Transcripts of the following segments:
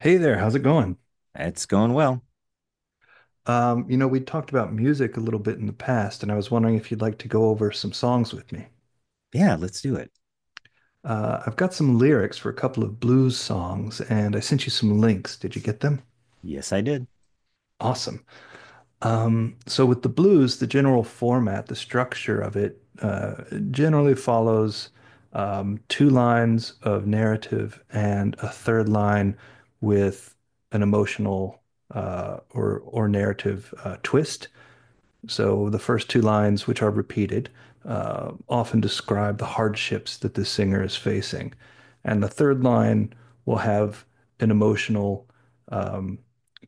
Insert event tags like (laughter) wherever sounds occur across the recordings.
Hey there, how's it going? It's going well. We talked about music a little bit in the past, and I was wondering if you'd like to go over some songs with me. Yeah, let's do it. I've got some lyrics for a couple of blues songs, and I sent you some links. Did you get them? Yes, I did. Awesome. So with the blues, the general format, the structure of it, generally follows two lines of narrative and a third line with an emotional or narrative twist. So the first two lines, which are repeated, often describe the hardships that the singer is facing. And the third line will have an emotional um,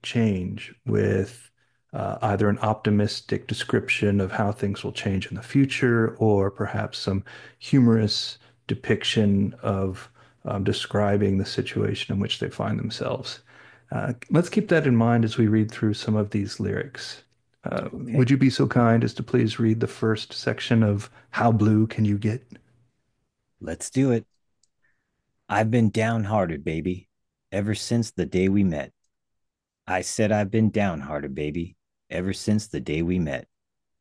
change with either an optimistic description of how things will change in the future or perhaps some humorous depiction of describing the situation in which they find themselves. Let's keep that in mind as we read through some of these lyrics. Okay. Would you be so kind as to please read the first section of How Blue Can You Get? Let's do it. I've been downhearted, baby, ever since the day we met. I said I've been downhearted, baby, ever since the day we met.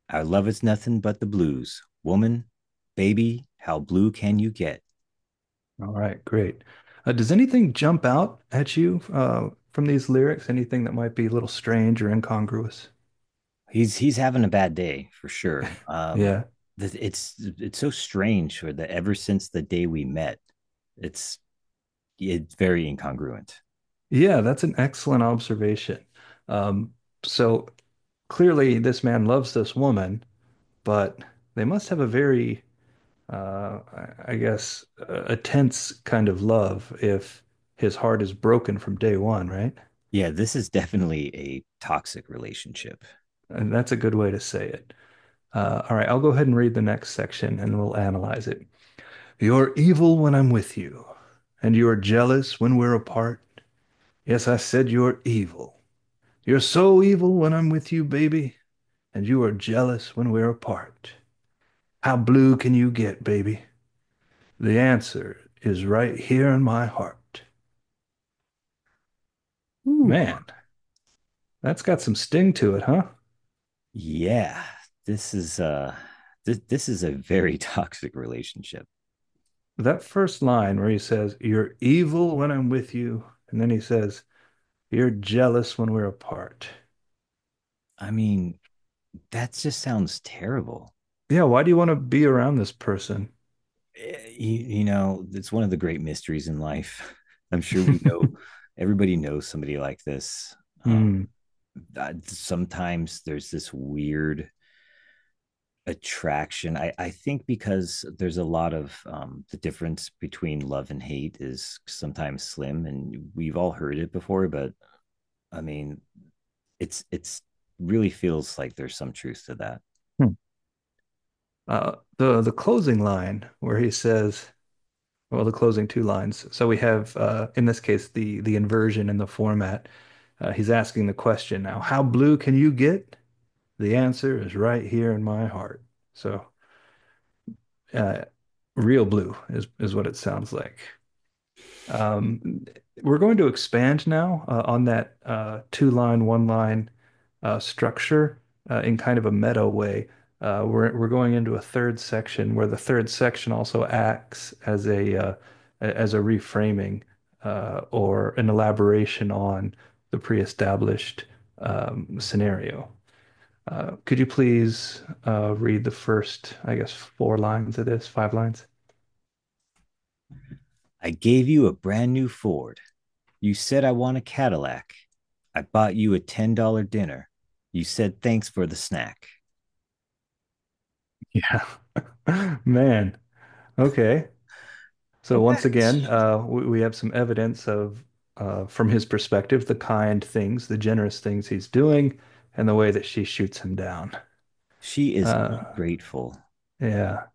Our love is nothing but the blues. Woman, baby, how blue can you get? All right, great. Does anything jump out at you from these lyrics? Anything that might be a little strange or incongruous? He's having a bad day for sure. Um Yeah. it's it's so strange for the ever since the day we met. It's it's very incongruent. Yeah, that's an excellent observation. Um, so clearly, this man loves this woman, but they must have a very, I guess, a tense kind of love if his heart is broken from day one, right? Yeah, this is definitely a toxic relationship. And that's a good way to say it. All right, I'll go ahead and read the next section and we'll analyze it. You're evil when I'm with you, and you are jealous when we're apart. Yes, I said you're evil. You're so evil when I'm with you, baby, and you are jealous when we're apart. How blue can you get, baby? The answer is right here in my heart. Ooh. Man, that's got some sting to it, huh? Yeah, this is uh this is a very (laughs) toxic relationship. That first line where he says, You're evil when I'm with you, and then he says, You're jealous when we're apart. I mean, that just sounds terrible. Yeah, why do you want to be around this person? It's one of the great mysteries in life. (laughs) I'm (laughs) sure we Mm. know everybody knows somebody like this. Um, Hmm. Sometimes there's this weird attraction. I think because there's a lot of the difference between love and hate is sometimes slim, and we've all heard it before. But I mean, it's really feels like there's some truth to that. The closing line where he says, well, the closing two lines. So we have, in this case, the inversion in the format. He's asking the question now, how blue can you get? The answer is right here in my heart. So, uh, real blue is what it sounds like. Um, we're going to expand now on that two line, one line structure in kind of a meta way. We're going into a third section where the third section also acts as a reframing or an elaboration on the pre-established scenario. Could you please read the first, I guess, four lines of this, five lines? I gave you a brand new Ford. You said I want a Cadillac. I bought you a $10 dinner. You said thanks for the snack. Yeah. (laughs) Man, okay. So once again, we have some evidence of, from his perspective, the kind things, the generous things he's doing, and the way that she shoots him down. She is Uh, grateful. yeah,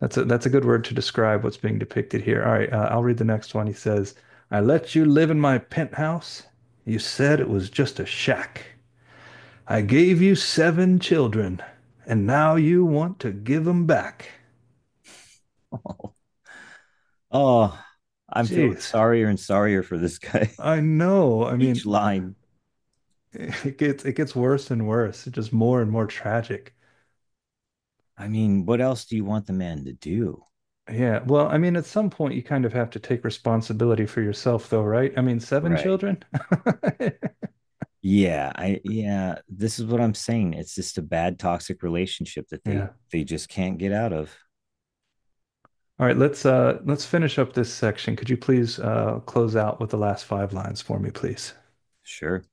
that's a good word to describe what's being depicted here. All right, I'll read the next one. He says, "I let you live in my penthouse. You said it was just a shack. I gave you seven children, and now you want to give 'em back. (laughs) Oh, oh, I'm feeling Jeez, sorrier and sorrier for this guy. I know. I (laughs) Each mean." line. It gets worse and worse. It's just more and more tragic. I mean, what else do you want the man to do? Yeah. Well, I mean, at some point you kind of have to take responsibility for yourself though, right? I mean, seven Right. children? (laughs) Yeah, this is what I'm saying. It's just a bad toxic relationship that they Yeah. they just can't get out of. All right, let's finish up this section. Could you please close out with the last five lines for me, please? Sure.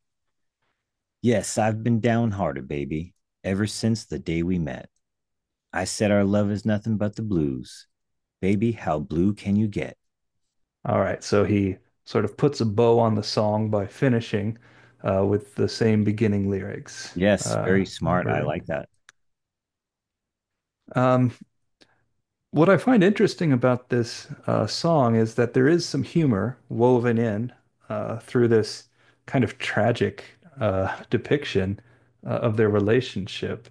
Yes, I've been downhearted, baby, ever since the day we met. I said our love is nothing but the blues. Baby, how blue can you get? All right. So he sort of puts a bow on the song by finishing with the same beginning lyrics. Yes, very smart. Never I written. like that. Um What I find interesting about this song is that there is some humor woven in through this kind of tragic depiction of their relationship.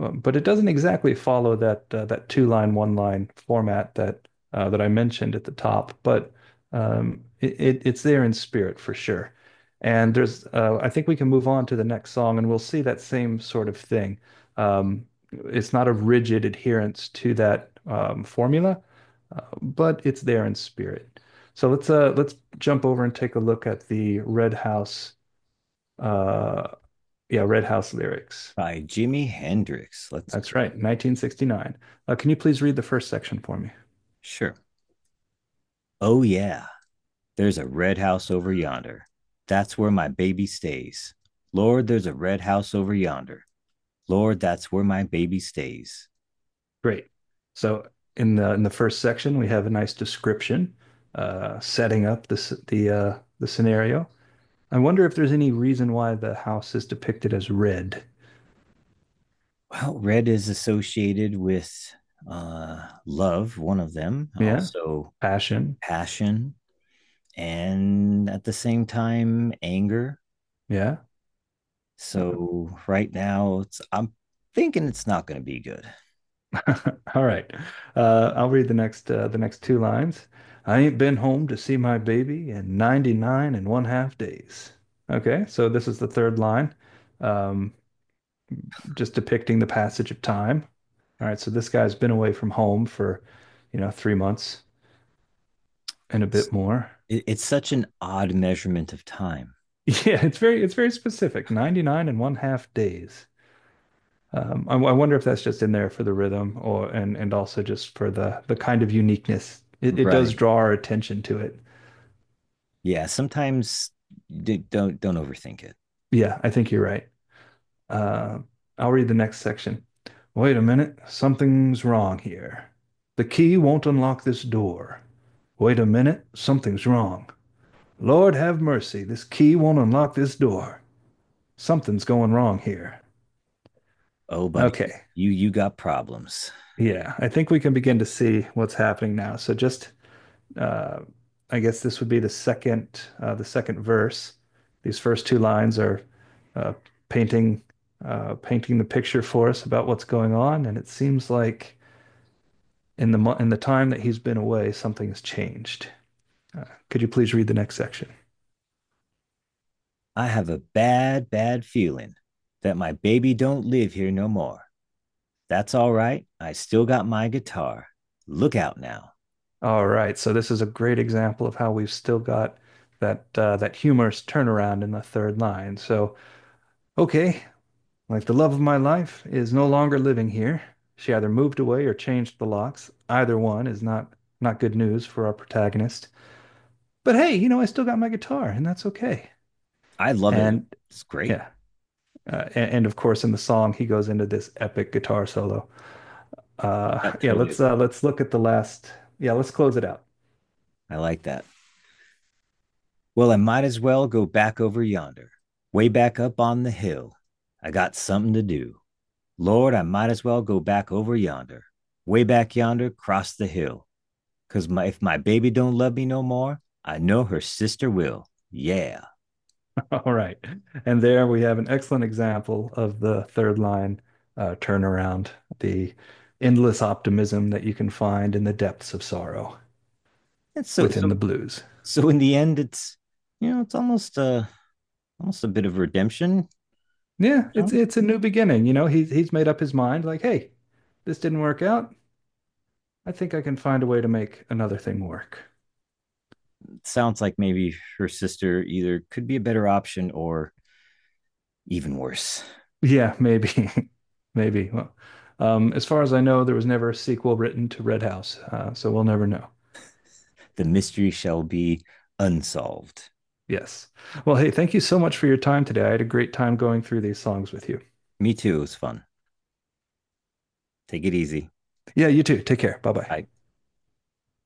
But it doesn't exactly follow that that two line, one line format that that I mentioned at the top. But it's there in spirit for sure. And there's, I think we can move on to the next song, and we'll see that same sort of thing. Um, it's not a rigid adherence to that formula, but it's there in spirit. So let's jump over and take a look at the Red House. Uh, yeah, Red House lyrics. By Jimi Hendrix. Let's That's right, 1969. Can you please read the first section for me? sure. Oh yeah. There's a red house over yonder. That's where my baby stays. Lord, there's a red house over yonder. Lord, that's where my baby stays. Great. So in the first section, we have a nice description, setting up the scenario. I wonder if there's any reason why the house is depicted as red. Well, red is associated with love, one of them, Yeah, also passion. passion, and at the same time anger. Yeah, uh, So right now, I'm thinking it's not going to be good. all right. I'll read the next two lines. I ain't been home to see my baby in 99 and one half days. Okay, so this is the third line, um, just depicting the passage of time. All right, so this guy's been away from home for, you know, 3 months and a It's, bit more. (laughs) it's such an odd measurement of time. Yeah, it's very specific. 99 and one half days. I wonder if that's just in there for the rhythm or and also just for the kind of uniqueness. It does Right. draw our attention to it. Yeah. Sometimes don't overthink it. Yeah, I think you're right. Uh, I'll read the next section. Wait a minute, something's wrong here. The key won't unlock this door. Wait a minute, something's wrong. Lord have mercy, this key won't unlock this door. Something's going wrong here. Oh, buddy, Okay, you got problems. yeah, I think we can begin to see what's happening now. So just uh, I guess this would be the second verse. These first two lines are uh, painting painting the picture for us about what's going on, and it seems like in the time that he's been away, something has changed. Could you please read the next section? I have a bad bad feeling that my baby don't live here no more. That's all right. I still got my guitar. Look out now. All right, so this is a great example of how we've still got that that humorous turnaround in the third line. So okay, like the love of my life is no longer living here. She either moved away or changed the locks. Either one is not good news for our protagonist. But hey, you know, I still got my guitar, and that's okay. I love it. And It's great. yeah, and of course, in the song, he goes into this epic guitar solo. That totally. Let's look at the last. Yeah, let's close it out. I like that. Well, I might as well go back over yonder, way back up on the hill. I got something to do. Lord, I might as well go back over yonder, way back yonder, cross the hill. 'Cause if my baby don't love me no more, I know her sister will. Yeah. (laughs) All right, and there we have an excellent example of the third line turnaround, the endless optimism that you can find in the depths of sorrow And so, within so, the blues. so in the end, it's almost a, bit of redemption. You Yeah, know? It's a new beginning. You know, he's made up his mind. Like, hey, this didn't work out. I think I can find a way to make another thing work. It sounds like maybe her sister either could be a better option or even worse. Yeah, maybe, (laughs) maybe. Well, as far as I know, there was never a sequel written to Red House, so we'll never know. The mystery shall be unsolved. Yes. Well, hey, thank you so much for your time today. I had a great time going through these songs with you. Me too. It was fun. Take it easy. Yeah, you too. Take care. Bye bye. Bye.